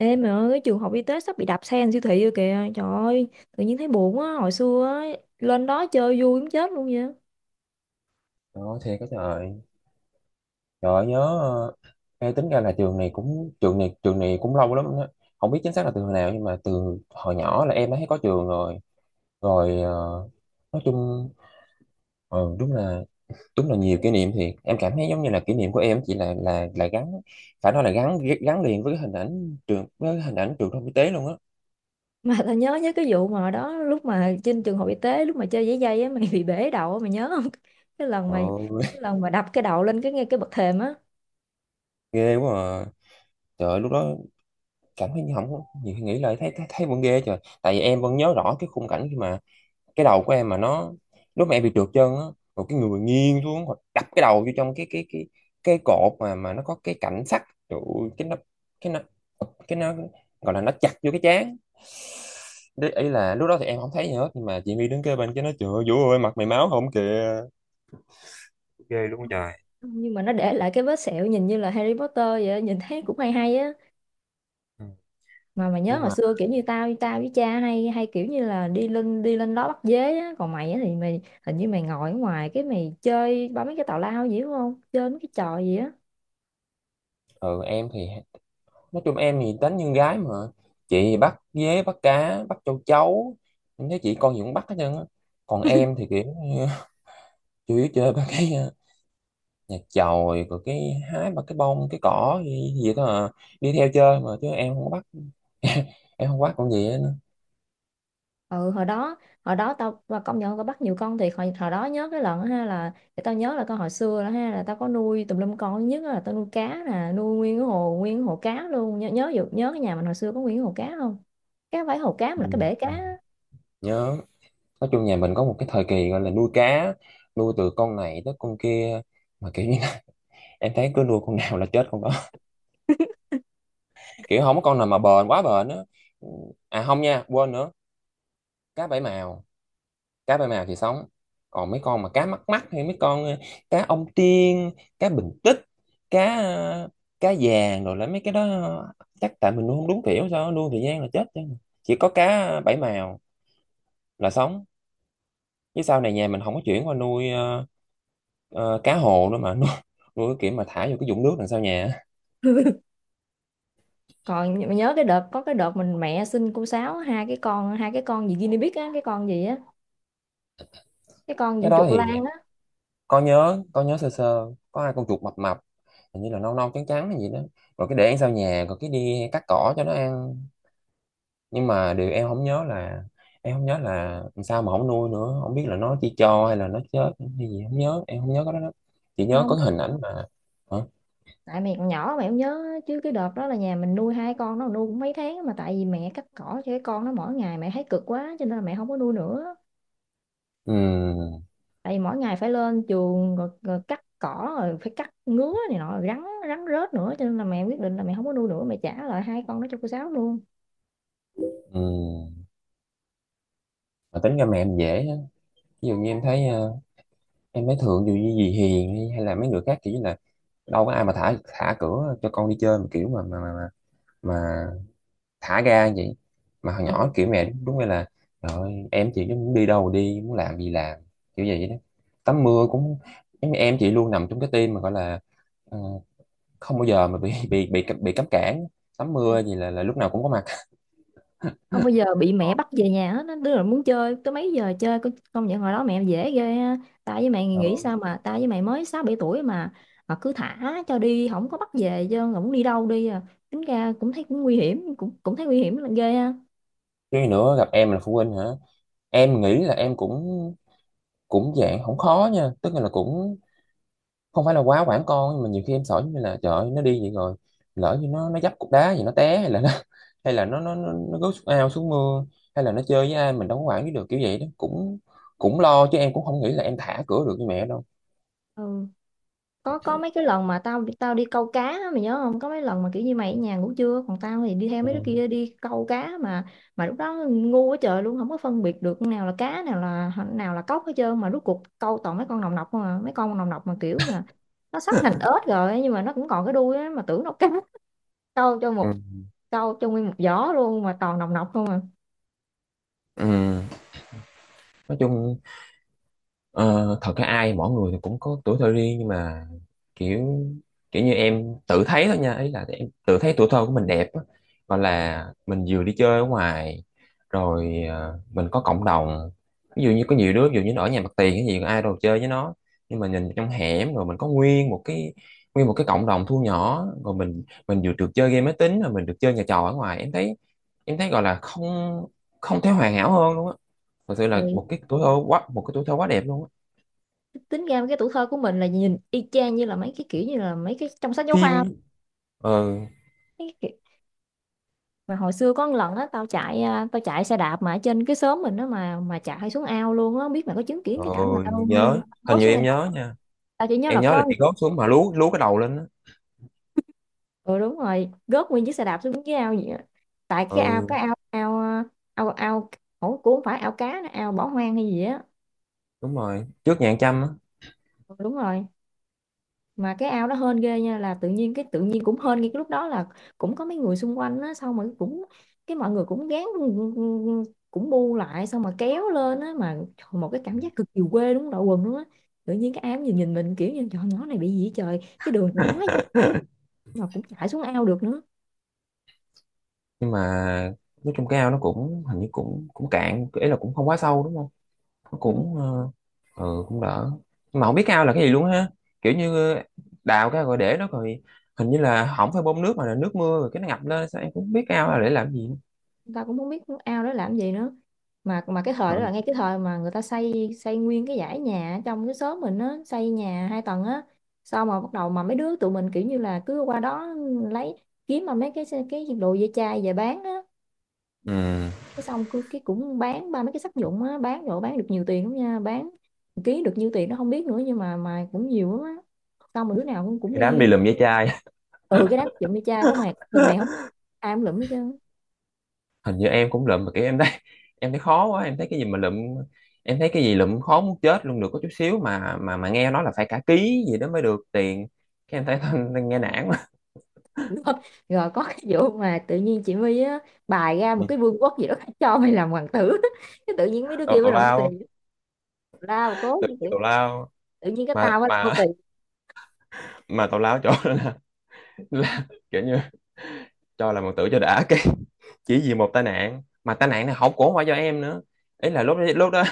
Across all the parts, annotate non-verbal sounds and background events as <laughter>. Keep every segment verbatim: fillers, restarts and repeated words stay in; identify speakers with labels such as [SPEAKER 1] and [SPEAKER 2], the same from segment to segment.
[SPEAKER 1] Ê mày ơi, cái trường học y tế sắp bị đạp xe thành siêu thị rồi kìa. Trời ơi, tự nhiên thấy buồn á. Hồi xưa á, lên đó chơi vui muốn chết luôn vậy. <laughs>
[SPEAKER 2] Đó, thiệt cái trời trời ơi, nhớ ờ, nghe tính ra là trường này cũng trường này trường này cũng lâu lắm á, không biết chính xác là từ hồi nào, nhưng mà từ hồi nhỏ là em đã thấy có trường rồi. rồi ờ, nói chung, ờ, đúng là đúng là nhiều kỷ niệm thiệt. Em cảm thấy giống như là kỷ niệm của em chỉ là là là gắn, phải nói là gắn gắn liền với cái hình ảnh trường, với cái hình ảnh trường thông y tế luôn á.
[SPEAKER 1] Mà tao nhớ nhớ cái vụ mà hồi đó lúc mà trên trường học y tế lúc mà chơi giấy dây á mày <laughs> bị bể đầu á, mày nhớ không? Cái lần
[SPEAKER 2] Trời
[SPEAKER 1] mày
[SPEAKER 2] ơi,
[SPEAKER 1] cái lần mà đập cái đầu lên cái ngay cái bậc thềm á.
[SPEAKER 2] <laughs> ghê quá à. Trời ơi, lúc đó cảm thấy như không có, nhiều khi nghĩ lại thấy thấy, thấy vẫn ghê trời, tại vì em vẫn nhớ rõ cái khung cảnh khi mà cái đầu của em mà nó, lúc mà em bị trượt chân á, rồi cái người nghiêng xuống hoặc đập cái đầu vô trong cái cái cái cái cột mà mà nó có cái cảnh sắt. Trời ơi, cái nó cái nó cái nó gọi là nó chặt vô cái trán. Đấy, ý là lúc đó thì em không thấy gì hết, nhưng mà chị My đứng kế bên cái nó chửi: "Vũ ơi, mặt mày máu không kìa!" Ghê luôn trời.
[SPEAKER 1] Nhưng mà nó để lại cái vết sẹo nhìn như là Harry Potter vậy, nhìn thấy cũng hay hay.
[SPEAKER 2] Ừ.
[SPEAKER 1] Mà mà nhớ
[SPEAKER 2] Nhưng
[SPEAKER 1] hồi
[SPEAKER 2] mà
[SPEAKER 1] xưa kiểu như tao tao với cha hay hay kiểu như là đi lên đi lên đó bắt dế á, còn mày á thì mày hình như mày ngồi ở ngoài cái mày chơi bấm mấy cái tào lao gì đúng không, chơi mấy cái trò gì á.
[SPEAKER 2] ừ, em thì nói chung em thì tính như con gái mà. Chị thì bắt dế, bắt cá, bắt châu chấu, em thấy chị con gì cũng bắt hết trơn á. Còn em thì kiểu <laughs> như chủ yếu chơi ba cái à, nhà chòi, rồi cái hái mà cái bông cái cỏ gì, gì đó à. Đi theo chơi mà chứ em không có bắt. <laughs> Em không bắt con gì hết nữa.
[SPEAKER 1] Ừ, hồi đó hồi đó tao và công nhận tao bắt nhiều con thiệt hồi, hồi đó. Nhớ cái lần á ha, là để tao nhớ là tao hồi xưa đó ha, là tao có nuôi tùm lum con, thứ nhất á là tao nuôi cá nè, nuôi nguyên cái hồ nguyên cái hồ cá luôn. Nhớ nhớ vụ- nhớ cái nhà mình hồi xưa có nguyên cái hồ cá không? Cái không phải hồ cá mà là cái
[SPEAKER 2] Ừ.
[SPEAKER 1] bể cá.
[SPEAKER 2] Nhớ, nói chung nhà mình có một cái thời kỳ gọi là nuôi cá, nuôi từ con này tới con kia, mà kiểu như <laughs> em thấy cứ nuôi con nào là chết con đó. <laughs> Kiểu không có con nào mà bền quá bền á. Ừ, à không nha, quên nữa, cá bảy màu, cá ba mào thì sống, còn mấy con mà cá mắc mắc hay mấy con ờ, cá ông tiên, cá bình tích, cá ờ, cá vàng rồi là mấy cái đó, ờ, chắc tại mình nuôi không đúng kiểu, sao nuôi thời gian là chết chứ. Chỉ có cá bảy mào là sống. Chứ sau này nhà mình không có chuyển qua nuôi ờ, ờ, cá hồ nữa, mà <laughs> nuôi, nuôi cái kiểu mà thả vô cái vũng nước đằng sau nhà á.
[SPEAKER 1] Còn nh- nhớ cái đợt có cái đợt mình mẹ xin cô Sáu hai cái con hai cái con gì guinea pig á, cái con gì á, cái con
[SPEAKER 2] Cái
[SPEAKER 1] diện
[SPEAKER 2] đó
[SPEAKER 1] chuột
[SPEAKER 2] thì
[SPEAKER 1] lang á.
[SPEAKER 2] con nhớ, con nhớ sơ sơ có hai con chuột mập mập, hình như là nâu nâu trắng trắng hay gì đó, rồi cái để ăn sau nhà, rồi cái đi cắt cỏ cho nó ăn. Nhưng mà điều em không nhớ là em không nhớ là sao mà không nuôi nữa, không biết là nó chỉ cho hay là nó chết hay gì, không nhớ, em không nhớ cái đó lắm. Chỉ nhớ
[SPEAKER 1] Không
[SPEAKER 2] có cái
[SPEAKER 1] cái,
[SPEAKER 2] hình ảnh mà. Hả?
[SPEAKER 1] tại mẹ còn nhỏ mẹ không nhớ chứ cái đợt đó là nhà mình nuôi hai con, nó nuôi cũng mấy tháng mà tại vì mẹ cắt cỏ cho cái con nó mỗi ngày mẹ thấy cực quá cho nên là mẹ không có nuôi nữa.
[SPEAKER 2] Ừm.
[SPEAKER 1] Tại vì mỗi ngày phải lên chuồng rồi, rồi cắt cỏ rồi phải cắt ngứa này nọ rồi rắn rắn rết nữa cho nên là mẹ quyết định là mẹ không có nuôi nữa, mẹ trả lại hai con đó cho cô Sáu luôn.
[SPEAKER 2] Ừm, mà tính ra mẹ em dễ á. Ví dụ như em thấy ờ, em thấy thường dù như dì Hiền hay, hay là mấy người khác, kiểu như là đâu có ai mà thả thả cửa cho con đi chơi mà kiểu mà mà mà, mà thả ga vậy. Mà hồi nhỏ
[SPEAKER 1] Ừ,
[SPEAKER 2] kiểu mẹ đúng nghĩa là rồi em chị muốn đi đâu đi, muốn làm gì làm, kiểu vậy đó. Tắm mưa cũng giống như em chị luôn nằm trong cái team mà gọi là ờ, không bao giờ mà bị bị bị bị cấm cản. Tắm mưa gì là là lúc nào cũng có mặt.
[SPEAKER 1] không bao giờ
[SPEAKER 2] <laughs>
[SPEAKER 1] bị mẹ bắt về nhà hết á. Đứa nào muốn chơi tới mấy giờ chơi, con- công nhận hồi đó mẹ dễ ghê ha. Tao với mày nghĩ
[SPEAKER 2] Ừ.
[SPEAKER 1] sao mà tao với mày mới sáu bảy tuổi mà mà cứ thả cho đi không có bắt về, chứ không đi đâu đi à. Tính ra cũng thấy cũng nguy hiểm, cũng cũng thấy nguy hiểm là ghê ha.
[SPEAKER 2] Cái nữa gặp em là phụ huynh hả, em nghĩ là em cũng cũng dạng không khó nha, tức là cũng không phải là quá quản con, nhưng mà nhiều khi em sợ giống như là trời ơi, nó đi vậy rồi lỡ như nó nó dấp cục đá gì nó té hay là nó <laughs> hay là nó nó nó, nó rớt xuống ao xuống mưa, hay là nó chơi với ai mình đâu có quản lý được, kiểu vậy đó. Cũng cũng lo chứ, em cũng không nghĩ là em thả cửa được như mẹ đâu.
[SPEAKER 1] Ừ. có có mấy cái lần mà tao tao đi câu cá á, mày nhớ không, có mấy lần mà kiểu như mày ở nhà ngủ trưa còn tao thì đi theo mấy đứa
[SPEAKER 2] Ừ.
[SPEAKER 1] kia đi câu cá. mà mà lúc đó ngu quá trời luôn, không có phân biệt được nào là cá, nào là nào là cóc hết trơn, mà rốt cuộc câu toàn mấy con nòng nọc không à, mấy con nòng nọc mà kiểu mà nó sắp thành ếch rồi nhưng mà nó cũng còn cái đuôi á mà tưởng nó cá. <laughs> câu cho
[SPEAKER 2] Ừ.
[SPEAKER 1] một câu cho nguyên một giỏ luôn mà toàn nòng nọc không à.
[SPEAKER 2] Ừ. Nói chung, Ờ, thật ra ai mỗi người thì cũng có tuổi thơ riêng, nhưng mà kiểu, kiểu như em tự thấy thôi nha, ý là em tự thấy tuổi thơ của mình đẹp á. Gọi là mình vừa đi chơi ở ngoài, rồi ờ, mình có cộng đồng, ví dụ như có nhiều đứa, ví dụ như nó ở nhà mặt tiền cái gì ai đâu chơi với nó, nhưng mà nhìn trong hẻm rồi mình có nguyên một cái, nguyên một cái cộng đồng thu nhỏ, rồi mình mình vừa được chơi game máy tính, rồi mình được chơi nhà trò ở ngoài. Em thấy, em thấy gọi là không, không thể hoàn hảo hơn luôn á. Thật sự là
[SPEAKER 1] Thì
[SPEAKER 2] một cái tuổi thơ quá một cái tuổi thơ quá đẹp luôn á.
[SPEAKER 1] tính ra cái tuổi thơ của mình là nhìn y chang như là mấy cái kiểu như là mấy cái trong sách giáo khoa,
[SPEAKER 2] Phim. ờ
[SPEAKER 1] mấy cái. Mà hồi xưa có một lần á, tao chạy à, tao chạy xe đạp mà ở trên cái xóm mình đó mà mà chạy xuống ao luôn á, không biết mày có chứng kiến
[SPEAKER 2] ờ
[SPEAKER 1] cái cảnh mà tao
[SPEAKER 2] Nhớ, hình
[SPEAKER 1] rớt
[SPEAKER 2] như
[SPEAKER 1] xuống
[SPEAKER 2] em
[SPEAKER 1] ao
[SPEAKER 2] nhớ
[SPEAKER 1] không?
[SPEAKER 2] nha.
[SPEAKER 1] Tao chỉ nhớ
[SPEAKER 2] Em
[SPEAKER 1] là
[SPEAKER 2] nhớ là
[SPEAKER 1] có.
[SPEAKER 2] chị gót xuống mà lú lú cái đầu lên á.
[SPEAKER 1] Ừ đúng rồi, gớt nguyên chiếc xe đạp xuống dưới ao vậy á. Tại cái ao cái
[SPEAKER 2] Ừ,
[SPEAKER 1] ao ao ao ao ủa, cũng không phải ao cá nữa, ao bỏ hoang hay gì á.
[SPEAKER 2] đúng rồi, trước nhà ăn chăm á.
[SPEAKER 1] Ừ, đúng rồi. Mà cái ao đó hên ghê nha, là tự nhiên cái tự nhiên cũng hên ngay cái lúc đó là cũng có mấy người xung quanh á, xong mà cũng cái mọi người cũng gán, cũng bu lại xong mà kéo lên á, mà trời, một cái cảm giác cực kỳ quê, đúng đội quần luôn á. Tự nhiên cái ao nhìn nhìn mình kiểu như trời, nhỏ này bị gì vậy trời, cái đường này đá
[SPEAKER 2] <laughs>
[SPEAKER 1] mà cũng chạy xuống ao được nữa.
[SPEAKER 2] Nhưng mà nói chung cái ao nó cũng hình như cũng cũng cạn, ý là cũng không quá sâu, đúng không? Nó
[SPEAKER 1] Ừ.
[SPEAKER 2] cũng ờ, ừ, cũng đỡ. Nhưng mà không biết cái ao là cái gì luôn ha, kiểu như ờ, đào cái rồi để nó rồi, hình như là không phải bơm nước mà là nước mưa rồi cái nó ngập lên sao, em cũng không biết cái ao là để làm gì nữa.
[SPEAKER 1] Người ta cũng không biết ao đó làm gì nữa. Mà mà cái thời đó là
[SPEAKER 2] Ừ.
[SPEAKER 1] ngay cái thời mà người ta xây xây nguyên cái dãy nhà ở trong cái xóm mình á, xây nhà hai tầng á. Sau mà bắt đầu mà mấy đứa tụi mình kiểu như là cứ qua đó lấy, kiếm mà mấy cái cái đồ dây chai về bán á.
[SPEAKER 2] Ừ.
[SPEAKER 1] Cái xong cứ cái cũng bán ba mấy cái sắt vụn á, bán đồ bán được nhiều tiền lắm nha, bán một ký được nhiêu tiền nó không biết nữa nhưng mà mà cũng nhiều lắm á. Xong mà đứa nào cũng cũng
[SPEAKER 2] Đi đám đi
[SPEAKER 1] đi.
[SPEAKER 2] lụm ve chai.
[SPEAKER 1] Ừ, cái đám dựng dây cha có mà mình này không,
[SPEAKER 2] <laughs>
[SPEAKER 1] ai cũng lụm hết trơn.
[SPEAKER 2] Hình như em cũng lụm mà kiểu em thấy, em thấy khó quá, em thấy cái gì mà lụm, em thấy cái gì lụm khó muốn chết luôn, được có chút xíu mà mà mà nghe nói là phải cả ký gì đó mới được tiền. Cái em thấy <laughs> nghe nản quá.
[SPEAKER 1] Đúng không? Rồi có cái vụ mà tự nhiên chị My á, bài ra một cái vương quốc gì đó cho mày làm hoàng tử. <laughs> Cái tự nhiên mấy đứa
[SPEAKER 2] tào
[SPEAKER 1] kia mới
[SPEAKER 2] tào
[SPEAKER 1] làm nô tì
[SPEAKER 2] lao.
[SPEAKER 1] lao cố
[SPEAKER 2] Tự
[SPEAKER 1] tự,
[SPEAKER 2] nhiên tào lao.
[SPEAKER 1] tự nhiên cái
[SPEAKER 2] Mà
[SPEAKER 1] tao mới làm nô
[SPEAKER 2] mà
[SPEAKER 1] tì.
[SPEAKER 2] mà tào lao chỗ đó là <laughs> kiểu như cho là một tử cho đã, cái chỉ vì một tai nạn mà tai nạn này không cũng không phải do em nữa. Ý là lúc đó, lúc đó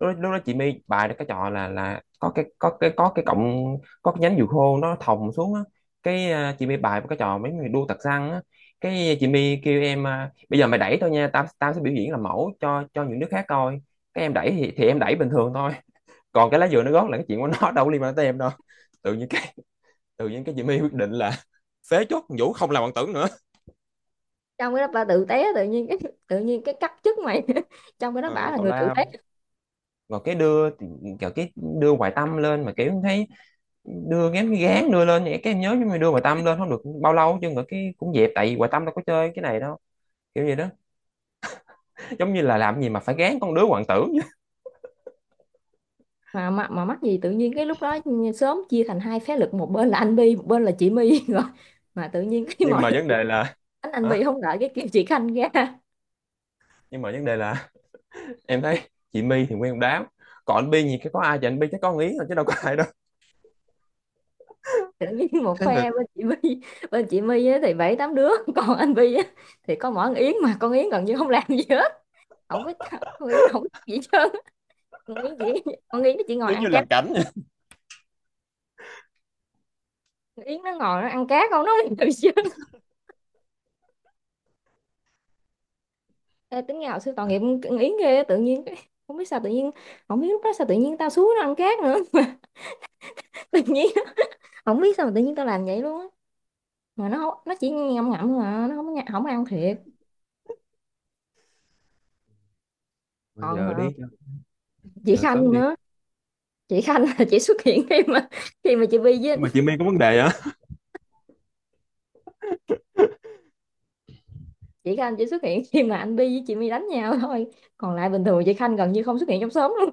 [SPEAKER 2] lúc, lúc đó chị My bài cái trò là là có cái có cái có cái cọng, có cái nhánh dừa khô nó thòng xuống á, cái à, chị My bài một cái trò mấy người đua tạc xăng á. Cái chị My kêu em: "À, bây giờ mày đẩy tao nha, tao tao sẽ biểu diễn làm mẫu cho cho những đứa khác coi." Cái em đẩy thì, thì em đẩy bình thường thôi, còn cái lá dừa nó gót là cái chuyện của nó, đâu có liên quan tới em đâu. tự nhiên cái Tự nhiên cái Jimmy quyết định là <laughs> phế chốt Vũ không làm bạn tưởng nữa.
[SPEAKER 1] Trong cái đó ba tự té, tự nhiên cái <laughs> tự nhiên cái cắt chức mày. <laughs> Trong cái đó bả
[SPEAKER 2] Ừ,
[SPEAKER 1] là
[SPEAKER 2] tào
[SPEAKER 1] người tự té.
[SPEAKER 2] lao. Rồi cái đưa thì kiểu cái đưa Hoài Tâm lên, mà kiểu thấy đưa ngém cái gán đưa lên vậy cái em nhớ, nhưng mà đưa Hoài Tâm lên không được bao lâu chứ nữa cái cũng dẹp, tại vì Hoài Tâm đâu có chơi cái này đâu, kiểu vậy đó. Giống như là làm gì mà phải gán con đứa hoàng tử. <laughs>
[SPEAKER 1] Mà mà, mà mắc gì tự nhiên cái lúc đó sớm chia thành hai phái lực, một bên là anh Bi, một bên là chị My. <laughs> Rồi mà tự nhiên cái <laughs>
[SPEAKER 2] Nhưng
[SPEAKER 1] mọi
[SPEAKER 2] mà
[SPEAKER 1] lần
[SPEAKER 2] vấn
[SPEAKER 1] chị
[SPEAKER 2] đề
[SPEAKER 1] My
[SPEAKER 2] là
[SPEAKER 1] đánh anh Bi
[SPEAKER 2] hả?
[SPEAKER 1] không đợi cái kêu chị Khanh ra.
[SPEAKER 2] Nhưng mà vấn đề là <laughs> em thấy chị My thì nguyên một đám, còn anh Bi gì cái có ai thì anh Bi chắc có ý rồi chứ đâu có ai đâu.
[SPEAKER 1] Tự nhiên
[SPEAKER 2] <laughs>
[SPEAKER 1] một
[SPEAKER 2] Thế là
[SPEAKER 1] phe bên chị My, bên chị My á thì bảy tám đứa. <laughs> Còn anh Vi á thì có mỗi con Yến mà con Yến gần như không làm gì hết, không có, con Yến không có gì hết trơn. Con Yến chỉ, con Yến nó chỉ ngồi
[SPEAKER 2] giống như
[SPEAKER 1] ăn cá.
[SPEAKER 2] làm cảnh vậy.
[SPEAKER 1] Con Yến nó ngồi nó ăn cá không, nó không làm gì hết trơn. Ê, tính ra hồi xưa tội nghiệp con Yến ghê á, tự nhiên cái- không biết sao tự nhiên, không biết lúc đó sao tự nhiên tao xuống nó ăn cá nữa <laughs> mà tự nhiên không biết sao mà tự nhiên tao làm vậy luôn á. Mà nó không, nó chỉ ngậm ngậm thôi mà nó không có- không ăn thiệt.
[SPEAKER 2] Bây
[SPEAKER 1] Còn
[SPEAKER 2] giờ
[SPEAKER 1] ờ,
[SPEAKER 2] đi,
[SPEAKER 1] chị
[SPEAKER 2] giờ sớm
[SPEAKER 1] Khanh
[SPEAKER 2] đi.
[SPEAKER 1] nữa. Chị Khanh là chị xuất hiện khi mà khi mà chị Vi với
[SPEAKER 2] Nhưng mà chị My có vấn đề hả?
[SPEAKER 1] chị Khanh chỉ xuất hiện <laughs> khi mà anh Bi với chị My đánh nhau thôi. Còn lại bình thường chị Khanh gần như không xuất hiện trong xóm luôn.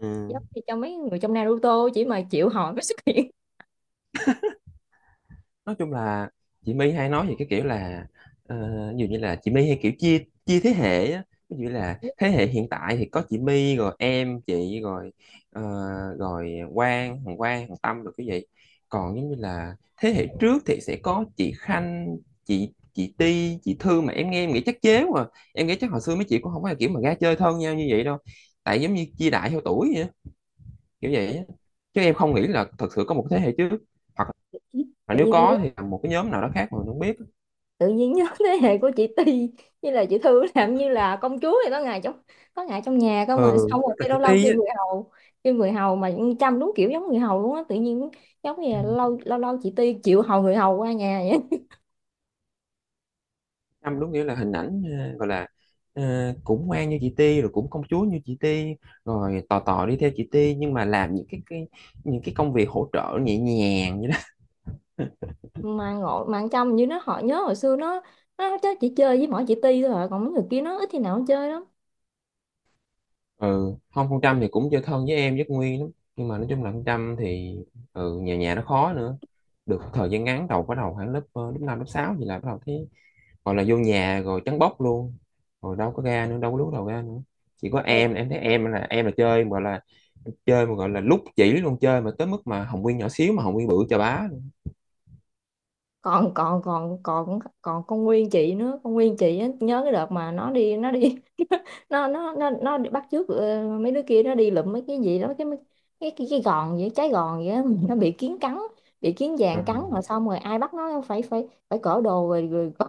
[SPEAKER 2] Ừ,
[SPEAKER 1] Giống như cho mấy người trong Naruto chỉ mà chịu hỏi mới xuất hiện.
[SPEAKER 2] nói chung là chị My hay nói về cái kiểu là ờ, ví dụ như là chị My hay kiểu chia, chia thế hệ á. Ví dụ như là thế hệ hiện tại thì có chị My rồi em chị rồi ờ, rồi Quang Hoàng Quang Hoàng Tâm rồi cái vậy. Còn giống như là thế hệ trước thì sẽ có chị Khanh, chị chị Ti, chị Thư, mà em nghe em nghĩ chắc chế mà. Em nghĩ chắc hồi xưa mấy chị cũng không phải là kiểu mà ra chơi thân nhau như vậy đâu, tại giống như chia đại theo tuổi vậy á, kiểu vậy á. Chứ em không nghĩ là thật sự có một thế hệ trước, hoặc
[SPEAKER 1] <laughs>
[SPEAKER 2] mà
[SPEAKER 1] Tự
[SPEAKER 2] nếu
[SPEAKER 1] nhiên tôi nhớ,
[SPEAKER 2] có thì là một cái nhóm nào đó khác mà mình không biết.
[SPEAKER 1] tự nhiên nhớ <laughs> thế hệ của chị Ti như là chị Thư làm như là công chúa vậy đó, ngày trong, có ngày trong nhà cơ mà,
[SPEAKER 2] Ừ,
[SPEAKER 1] xong rồi
[SPEAKER 2] nhất là
[SPEAKER 1] cái
[SPEAKER 2] chị
[SPEAKER 1] lâu lâu
[SPEAKER 2] Ti
[SPEAKER 1] kêu
[SPEAKER 2] á.
[SPEAKER 1] người hầu, kêu người hầu mà chăm, đúng kiểu giống người hầu luôn á, tự nhiên giống như là lâu lâu lâu chị Ti chịu hầu người hầu qua nhà vậy.
[SPEAKER 2] Trâm đúng nghĩa là hình ảnh ờ, gọi là ờ, cũng ngoan như chị Ti, rồi cũng công chúa như chị Ti, rồi tò tò đi theo chị Ti, nhưng mà làm những cái, cái những cái công việc hỗ trợ nhẹ nhàng.
[SPEAKER 1] Mà ngộ mà ăn trong như nó họ, nhớ hồi xưa nó nó chắc chỉ chơi với mỗi chị Ti thôi à. Còn mấy người kia nó ít khi nào nó chơi lắm.
[SPEAKER 2] Ừ, không, con Trâm thì cũng chơi thân với em với con Nguyên lắm, nhưng mà nói chung là con Trâm thì ừ, nhà nhà nó khó nữa. Được một thời gian ngắn đầu, bắt đầu khoảng lớp ờ, lớp năm lớp sáu thì là bắt đầu thấy gọi là vô nhà rồi trắng bóc luôn, rồi đâu có ra nữa, đâu có lúc đầu ra nữa. Chỉ có
[SPEAKER 1] Ê,
[SPEAKER 2] em em thấy em là em là chơi gọi là chơi mà gọi là lúc chỉ luôn, chơi mà tới mức mà Hồng Nguyên nhỏ xíu mà Hồng Nguyên bự chà bá luôn.
[SPEAKER 1] còn còn còn còn còn con Nguyên chị nữa, con Nguyên chị á, nhớ cái đợt mà nó đi nó đi <laughs> nó nó nó nó đi bắt chước ờ, mấy đứa kia nó đi lụm mấy cái gì đó, cái cái cái, cái gòn vậy, trái gòn vậy á, <laughs> nó bị kiến cắn, bị kiến vàng cắn
[SPEAKER 2] À.
[SPEAKER 1] rồi xong rồi ai bắt nó phải phải phải cởi đồ rồi, rồi cởi-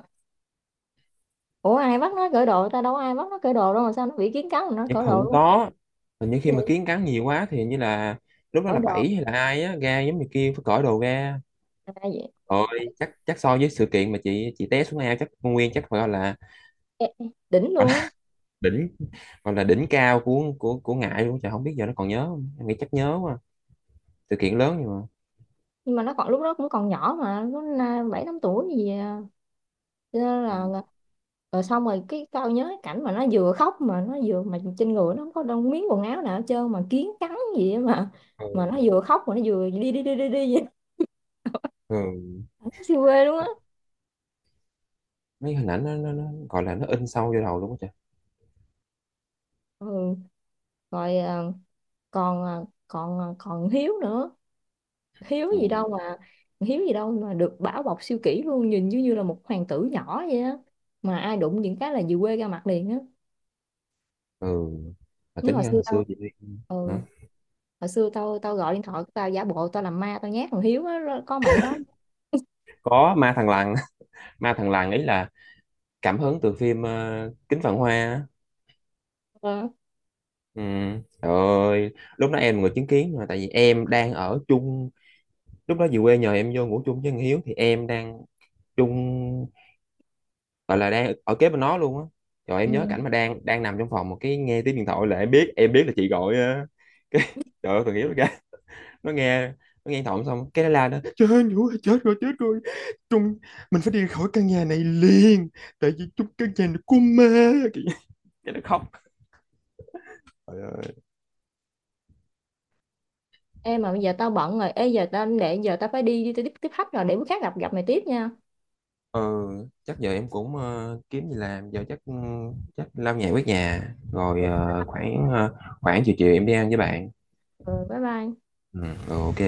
[SPEAKER 1] ủa ai bắt nó cởi đồ ta, đâu có ai bắt nó cởi đồ đâu mà sao nó bị kiến cắn mà nó
[SPEAKER 2] Nhưng
[SPEAKER 1] cởi đồ
[SPEAKER 2] không
[SPEAKER 1] luôn?
[SPEAKER 2] có, nhưng khi
[SPEAKER 1] Cái
[SPEAKER 2] mà
[SPEAKER 1] gì?
[SPEAKER 2] kiến cắn nhiều quá thì hình như là lúc đó
[SPEAKER 1] Cởi
[SPEAKER 2] là
[SPEAKER 1] đồ
[SPEAKER 2] bảy hay là ai á ra giống như kia phải cởi đồ ra.
[SPEAKER 1] à,
[SPEAKER 2] Rồi chắc chắc so với sự kiện mà chị chị té xuống ao chắc con Nguyên chắc phải gọi là,
[SPEAKER 1] ê, ê, đỉnh
[SPEAKER 2] gọi
[SPEAKER 1] luôn á.
[SPEAKER 2] là <laughs> đỉnh, gọi là đỉnh cao của của của Ngại luôn trời, không biết giờ nó còn nhớ không, em nghĩ chắc nhớ quá. Sự kiện lớn nhưng mà
[SPEAKER 1] Nhưng mà nó còn, lúc đó cũng còn nhỏ mà nó na- bảy tám tuổi gì à, cho nên
[SPEAKER 2] Ừ.
[SPEAKER 1] là rồi xong rồi cái tao nhớ cái cảnh mà nó vừa khóc mà nó vừa mà trên người nó không có đông miếng quần áo nào hết trơn mà kiến cắn gì á mà
[SPEAKER 2] Ừ.
[SPEAKER 1] mà nó vừa khóc mà nó vừa đi đi đi đi đi vậy.
[SPEAKER 2] Ừ.
[SPEAKER 1] <laughs> Nó siêu quê luôn á.
[SPEAKER 2] Mấy hình ảnh nó, nó, nó gọi là nó in sâu vô đầu luôn á trời.
[SPEAKER 1] Ừ. Rồi à, còn à, còn à, còn Hiếu nữa. Hiếu gì
[SPEAKER 2] Ừ.
[SPEAKER 1] đâu mà Hiếu gì đâu mà được bảo bọc siêu kỹ luôn, nhìn như như là một hoàng tử nhỏ vậy á, mà ai đụng những cái là về quê ra mặt liền á.
[SPEAKER 2] Ừ, mà
[SPEAKER 1] Nhớ hồi
[SPEAKER 2] tính ra
[SPEAKER 1] xưa
[SPEAKER 2] hồi
[SPEAKER 1] tao.
[SPEAKER 2] xưa chị đi.
[SPEAKER 1] Ừ,
[SPEAKER 2] Hả?
[SPEAKER 1] hồi xưa tao tao gọi điện thoại của tao giả bộ tao làm ma tao nhát thằng Hiếu á rồi có mày đó.
[SPEAKER 2] Có ma thằng lằn. <laughs> Ma thằng lằn ấy là cảm hứng từ phim ờ, Kính Vạn Hoa á.
[SPEAKER 1] Ờ,
[SPEAKER 2] Ừ. Trời ơi, lúc đó em là người chứng kiến, mà tại vì em đang ở chung, lúc đó về quê nhờ em vô ngủ chung với thằng Hiếu thì em đang chung, gọi là đang ở kế bên nó luôn á. Rồi
[SPEAKER 1] ừ.
[SPEAKER 2] em nhớ cảnh mà đang đang nằm trong phòng một cái nghe tiếng điện thoại là em biết, em biết là chị gọi á. <laughs> Cái trời ơi, thằng Hiếu nó ra, nó nghe nó nghe điện thoại xong cái nó la: "Nó chết rồi chết rồi chết rồi, chúng mình phải đi khỏi căn nhà này liền, tại vì chúng căn nhà này của ma!" cái cái nó khóc. Trời ơi.
[SPEAKER 1] Ê mà bây giờ tao bận rồi, ê giờ tao để giờ tao phải đi đi tao tiếp tiếp khách rồi, để bữa khác gặp gặp mày tiếp nha.
[SPEAKER 2] Ừ, chắc giờ em cũng ờ, kiếm gì làm giờ chắc, chắc lau nhà quét nhà, rồi
[SPEAKER 1] Ừ,
[SPEAKER 2] ờ, khoảng ờ, khoảng chiều chiều em đi ăn với bạn.
[SPEAKER 1] ừ, bye bye
[SPEAKER 2] Ừ, ok.